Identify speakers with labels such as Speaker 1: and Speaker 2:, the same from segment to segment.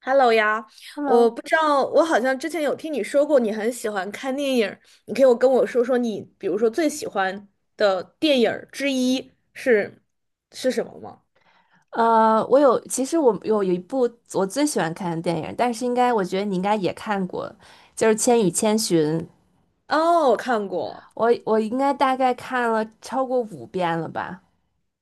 Speaker 1: Hello 呀，我
Speaker 2: Hello，
Speaker 1: 不知道，我好像之前有听你说过你很喜欢看电影儿你可以我跟我说说你，比如说最喜欢的电影儿之一是什么吗？
Speaker 2: 其实我一部我最喜欢看的电影，但是应该我觉得你应该也看过，就是《千与千寻》。
Speaker 1: 哦，我看过，
Speaker 2: 我应该大概看了超过五遍了吧。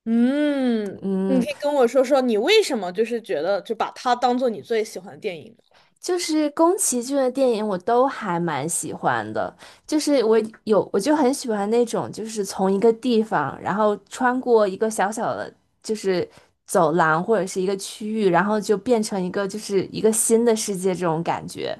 Speaker 1: 嗯，你
Speaker 2: 嗯，
Speaker 1: 可以跟我说说你为什么就是觉得就把它当做你最喜欢的电影吗？
Speaker 2: 就是宫崎骏的电影我都还蛮喜欢的。就是我我就很喜欢那种就是从一个地方，然后穿过一个小小的就是走廊或者是一个区域，然后就变成一个新的世界这种感觉。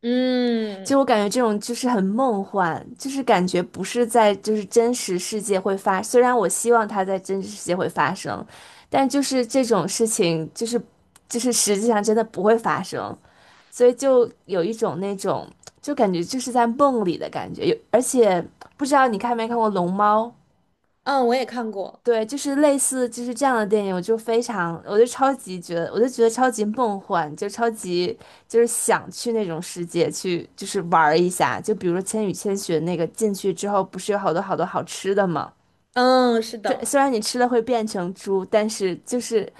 Speaker 1: 嗯
Speaker 2: 就我感觉这种就是很梦幻，就是感觉不是在就是真实世界会发，虽然我希望它在真实世界会发生，但就是这种事情实际上真的不会发生，所以就有一种那种就感觉就是在梦里的感觉。而且不知道你看没看过《龙猫》。
Speaker 1: 嗯，我也看过，
Speaker 2: 对，就是类似就是这样的电影，我就非常，我就超级觉得，我就觉得超级梦幻，就超级就是想去那种世界去，就是玩儿一下。就比如说《千与千寻》那个进去之后，不是有好多好多好吃的吗？
Speaker 1: 嗯，是
Speaker 2: 对，
Speaker 1: 的。
Speaker 2: 虽然你吃了会变成猪，但是就是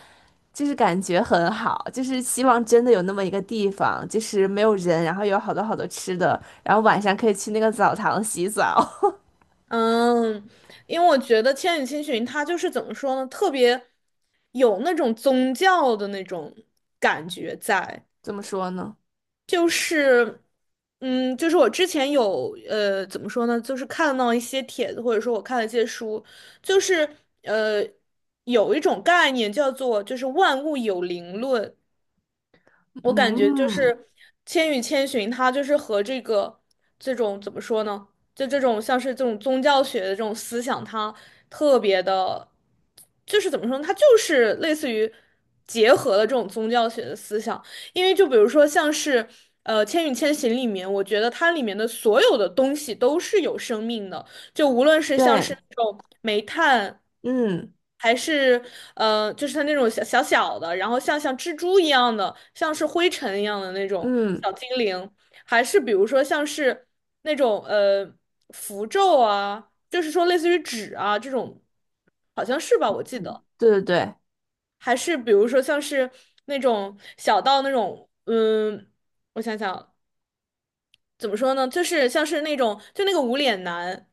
Speaker 2: 就是感觉很好，就是希望真的有那么一个地方，就是没有人，然后有好多好多吃的，然后晚上可以去那个澡堂洗澡。
Speaker 1: 嗯，因为我觉得《千与千寻》它就是怎么说呢，特别有那种宗教的那种感觉在，
Speaker 2: 怎么说呢？
Speaker 1: 就是，嗯，就是我之前有怎么说呢，就是看到一些帖子，或者说我看了一些书，就是呃有一种概念叫做就是万物有灵论，我感觉就
Speaker 2: 嗯，
Speaker 1: 是《千与千寻》，它就是和这个这种怎么说呢？就这种像是这种宗教学的这种思想，它特别的，就是怎么说呢？它就是类似于结合了这种宗教学的思想，因为就比如说像是《千与千寻》里面，我觉得它里面的所有的东西都是有生命的，就无论是像是
Speaker 2: 对，
Speaker 1: 那种煤炭，
Speaker 2: 嗯
Speaker 1: 还是就是它那种小小小的，然后像蜘蛛一样的，像是灰尘一样的那种
Speaker 2: 嗯。
Speaker 1: 小精灵，还是比如说像是那种符咒啊，就是说类似于纸啊这种，好像是吧，我记得，
Speaker 2: 对，
Speaker 1: 还是比如说像是那种小到那种我想想，怎么说呢？就是像是那种，就那个无脸男，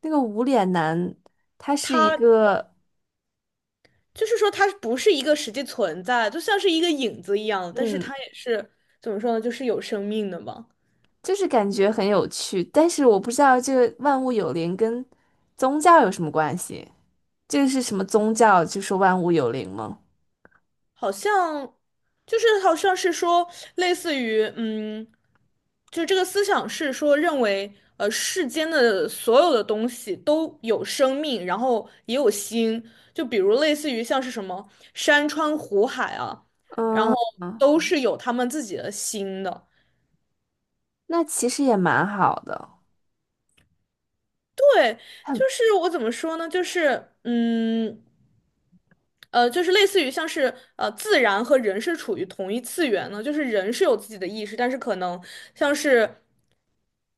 Speaker 2: 那个无脸男，他是一
Speaker 1: 他
Speaker 2: 个，
Speaker 1: 就是说它不是一个实际存在，就像是一个影子一样，但是
Speaker 2: 嗯，
Speaker 1: 它也是怎么说呢，就是有生命的嘛，
Speaker 2: 就是感觉很有趣，但是我不知道这个万物有灵跟宗教有什么关系？这个是什么宗教？就说万物有灵吗？
Speaker 1: 好像就是好像是说类似于就这个思想是说认为世间的所有的东西都有生命，然后也有心，就比如类似于像是什么山川湖海啊，然
Speaker 2: 嗯
Speaker 1: 后
Speaker 2: 嗯，
Speaker 1: 都是有他们自己的心的。
Speaker 2: 那其实也蛮好的。
Speaker 1: 对，就
Speaker 2: 很，
Speaker 1: 是我怎么说呢？就是就是类似于像是自然和人是处于同一次元呢，就是人是有自己的意识，但是可能像是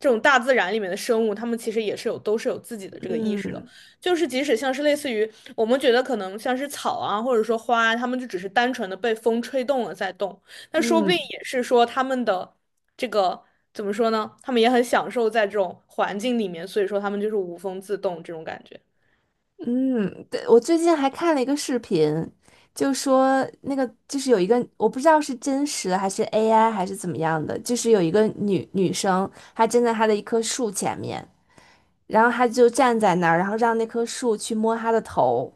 Speaker 1: 这种大自然里面的生物，它们其实也是都是有自己的这个意识的，
Speaker 2: 嗯
Speaker 1: 就是即使像是类似于我们觉得可能像是草啊，或者说花啊，它们就只是单纯的被风吹动了在动，那说不定
Speaker 2: 嗯，
Speaker 1: 也是说他们的这个怎么说呢？他们也很享受在这种环境里面，所以说他们就是无风自动这种感觉。
Speaker 2: 对，我最近还看了一个视频，就说那个就是有一个，我不知道是真实的还是 AI 还是怎么样的，就是有一个女生，她站在她的一棵树前面。然后他就站在那儿，然后让那棵树去摸他的头，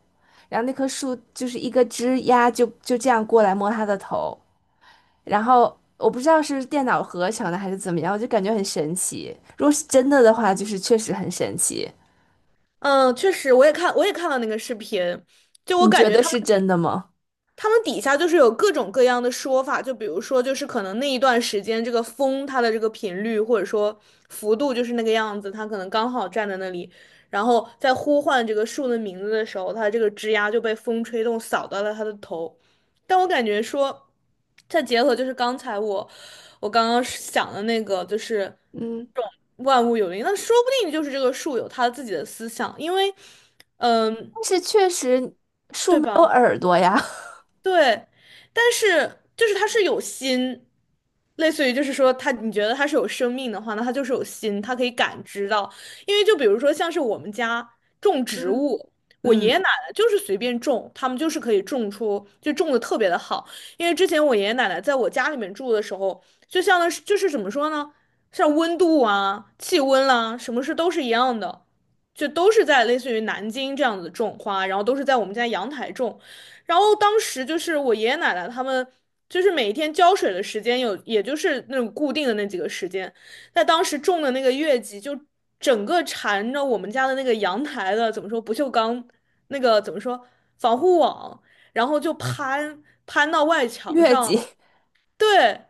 Speaker 2: 然后那棵树就是一个枝丫这样过来摸他的头，然后我不知道是电脑合成的还是怎么样，我就感觉很神奇。如果是真的的话，就是确实很神奇。
Speaker 1: 嗯，确实，我也看了那个视频，就我
Speaker 2: 你
Speaker 1: 感
Speaker 2: 觉
Speaker 1: 觉
Speaker 2: 得
Speaker 1: 他
Speaker 2: 是
Speaker 1: 们。
Speaker 2: 真的吗？
Speaker 1: 他们底下就是有各种各样的说法，就比如说，就是可能那一段时间这个风它的这个频率或者说幅度就是那个样子，它可能刚好站在那里，然后在呼唤这个树的名字的时候，它这个枝丫就被风吹动扫到了它的头。但我感觉说，再结合就是刚才我刚刚想的那个，就是
Speaker 2: 嗯，
Speaker 1: 这种万物有灵，那说不定就是这个树有它自己的思想，因为，嗯，
Speaker 2: 但是确实
Speaker 1: 对
Speaker 2: 没有
Speaker 1: 吧？
Speaker 2: 耳朵呀。
Speaker 1: 对，但是就是它是有心，类似于就是说它，你觉得它是有生命的话，那它就是有心，它可以感知到。因为就比如说像是我们家种植
Speaker 2: 嗯
Speaker 1: 物，我爷爷
Speaker 2: 嗯，
Speaker 1: 奶奶就是随便种，他们就是可以种出，就种的特别的好。因为之前我爷爷奶奶在我家里面住的时候，就像是就是怎么说呢，像温度啊、气温啦、什么事都是一样的。就都是在类似于南京这样子种花，然后都是在我们家阳台种，然后当时就是我爷爷奶奶他们，就是每一天浇水的时间有，也就是那种固定的那几个时间。在当时种的那个月季，就整个缠着我们家的那个阳台的，怎么说不锈钢那个怎么说防护网，然后就攀到外墙
Speaker 2: 月
Speaker 1: 上
Speaker 2: 季，
Speaker 1: 了。对，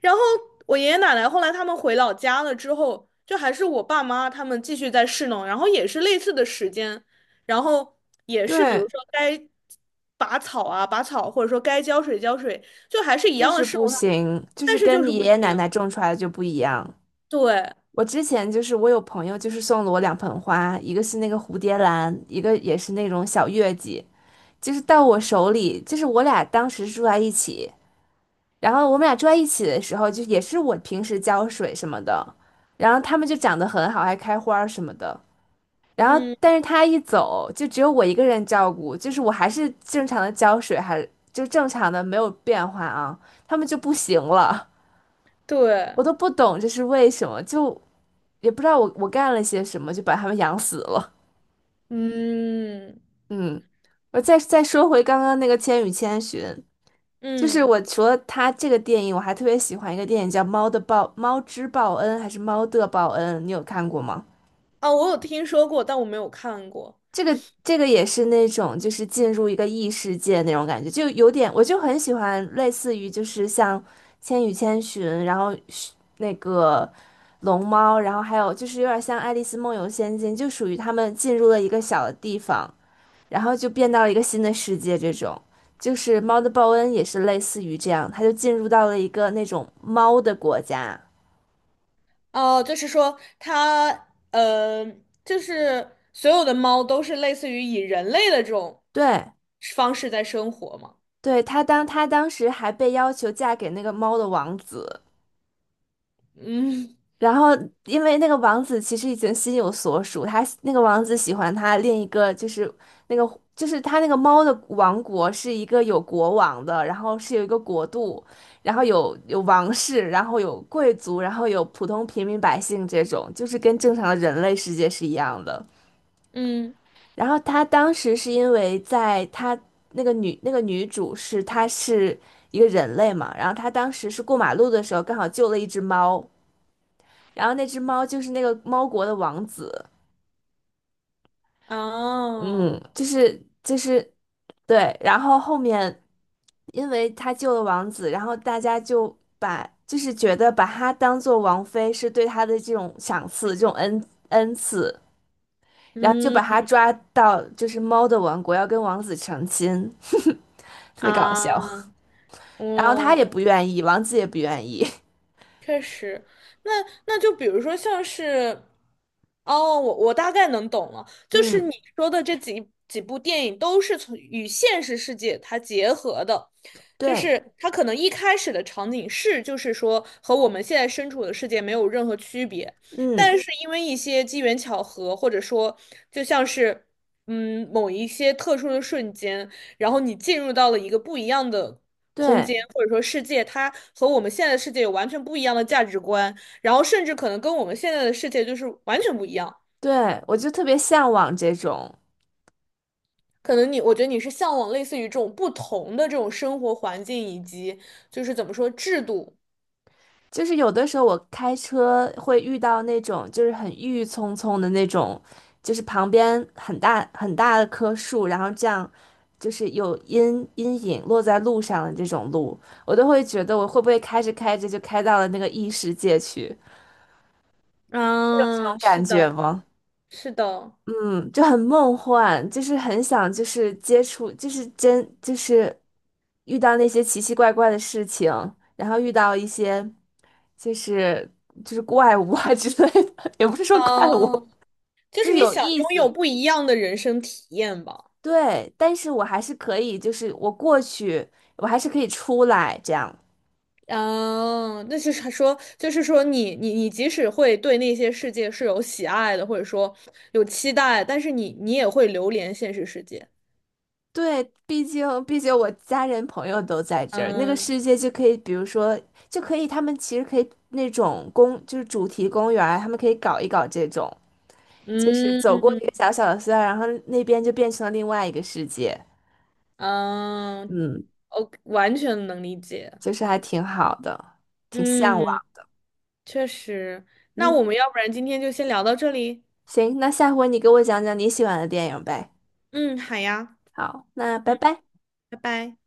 Speaker 1: 然后我爷爷奶奶后来他们回老家了之后，就还是我爸妈他们继续在侍弄，然后也是类似的时间，然后 也是比如
Speaker 2: 对，
Speaker 1: 说该拔草啊拔草，或者说该浇水浇水，就还是一
Speaker 2: 就
Speaker 1: 样的
Speaker 2: 是
Speaker 1: 侍
Speaker 2: 不
Speaker 1: 弄他，
Speaker 2: 行，就
Speaker 1: 但
Speaker 2: 是
Speaker 1: 是就
Speaker 2: 跟
Speaker 1: 是
Speaker 2: 你
Speaker 1: 不
Speaker 2: 爷爷
Speaker 1: 行。
Speaker 2: 奶奶种出来的就不一样。
Speaker 1: 对，
Speaker 2: 我之前就是我有朋友就是送了我两盆花，一个是那个蝴蝶兰，一个也是那种小月季，就是到我手里，就是我俩当时住在一起，然后我们俩住在一起的时候，就也是我平时浇水什么的，然后它们就长得很好，还开花儿什么的。然后，
Speaker 1: 嗯，
Speaker 2: 但是他一走，就只有我一个人照顾，就是我还是正常的浇水，就正常的没有变化啊，他们就不行了。
Speaker 1: 对，
Speaker 2: 我都不懂这是为什么，就也不知道我干了些什么，就把他们养死了。
Speaker 1: 嗯
Speaker 2: 嗯，我再说回刚刚那个《千与千寻》，就是
Speaker 1: 嗯，
Speaker 2: 我除了它这个电影，我还特别喜欢一个电影叫《猫的报》《猫之报恩》还是《猫的报恩》，你有看过吗？
Speaker 1: 啊，我有听说过，但我没有看过。
Speaker 2: 这个也是那种就是进入一个异世界那种感觉，就有点我就很喜欢类似于就是像《千与千寻》，然后是那个龙猫，然后还有就是有点像《爱丽丝梦游仙境》，就属于他们进入了一个小的地方，然后就变到了一个新的世界这种。就是猫的报恩也是类似于这样，他就进入到了一个那种猫的国家。
Speaker 1: 哦，就是说它，就是所有的猫都是类似于以人类的这种
Speaker 2: 对，
Speaker 1: 方式在生活嘛。
Speaker 2: 对，他当时还被要求嫁给那个猫的王子。
Speaker 1: 嗯
Speaker 2: 然后，因为那个王子其实已经心有所属，他那个王子喜欢他另一个，那个就是他那个猫的王国是一个有国王的，然后是有一个国度，然后有王室，然后有贵族，然后有普通平民百姓这种，就是跟正常的人类世界是一样的。
Speaker 1: 嗯，
Speaker 2: 然后他当时是因为在他那个女主是一个人类嘛，然后她当时是过马路的时候刚好救了一只猫。然后那只猫就是那个猫国的王子。
Speaker 1: 啊
Speaker 2: 嗯，对，然后后面因为他救了王子，然后大家就把就是觉得把他当做王妃是对他的这种赏赐，这种恩赐，然后就
Speaker 1: 嗯
Speaker 2: 把他抓到就是猫的王国，要跟王子成亲。特别搞笑。
Speaker 1: 啊，
Speaker 2: 然后他也
Speaker 1: 哦，
Speaker 2: 不愿意，王子也不愿意。
Speaker 1: 确实，那就比如说像是，哦，我大概能懂了，就是
Speaker 2: 嗯，
Speaker 1: 你说的这几部电影都是从与现实世界它结合的，就
Speaker 2: 对，
Speaker 1: 是它可能一开始的场景是就是说和我们现在身处的世界没有任何区别，
Speaker 2: 嗯，
Speaker 1: 但是因为一些机缘巧合，或者说就像是某一些特殊的瞬间，然后你进入到了一个不一样的空
Speaker 2: 对
Speaker 1: 间或者说世界，它和我们现在的世界有完全不一样的价值观，然后甚至可能跟我们现在的世界就是完全不一样。
Speaker 2: 对，我就特别向往这种。
Speaker 1: 可能你，我觉得你是向往类似于这种不同的这种生活环境以及就是怎么说制度。
Speaker 2: 就是有的时候我开车会遇到那种就是很郁郁葱葱的那种，就是旁边很大很大的棵树，然后这样就是有阴影落在路上的这种路，我都会觉得我会不会开着开着就开到了那个异世界去，有这种
Speaker 1: 嗯，是
Speaker 2: 感觉
Speaker 1: 的，
Speaker 2: 吗？
Speaker 1: 是的，
Speaker 2: 嗯，就很梦幻，就是很想，就是接触，就是真，就是遇到那些奇奇怪怪的事情，然后遇到一些，就是就是怪物啊之类的。也不是说怪物，
Speaker 1: 嗯，就
Speaker 2: 就
Speaker 1: 是
Speaker 2: 是
Speaker 1: 你
Speaker 2: 有
Speaker 1: 想
Speaker 2: 意
Speaker 1: 拥有
Speaker 2: 思。
Speaker 1: 不一样的人生体验吧。
Speaker 2: 对，但是我还是可以，就是我过去，我还是可以出来这样。
Speaker 1: 嗯，那就是他说，就是说你即使会对那些世界是有喜爱的，或者说有期待，但是你也会流连现实世界。
Speaker 2: 对，毕竟我家人朋友都在这儿，那个
Speaker 1: 嗯
Speaker 2: 世界就可以，比如说就可以，他们其实可以那种公，就是主题公园儿他们可以搞一搞这种，就是
Speaker 1: 嗯
Speaker 2: 走过一个小小的隧道，然后那边就变成了另外一个世界。
Speaker 1: 嗯，
Speaker 2: 嗯，
Speaker 1: 我完全能理解。
Speaker 2: 就是还挺好的，挺向
Speaker 1: 嗯，
Speaker 2: 往。
Speaker 1: 确实。那我
Speaker 2: 嗯，
Speaker 1: 们要不然今天就先聊到这里。
Speaker 2: 行，那下回你给我讲讲你喜欢的电影呗。
Speaker 1: 嗯，好呀。
Speaker 2: 好，那拜
Speaker 1: 嗯，
Speaker 2: 拜。
Speaker 1: 拜拜。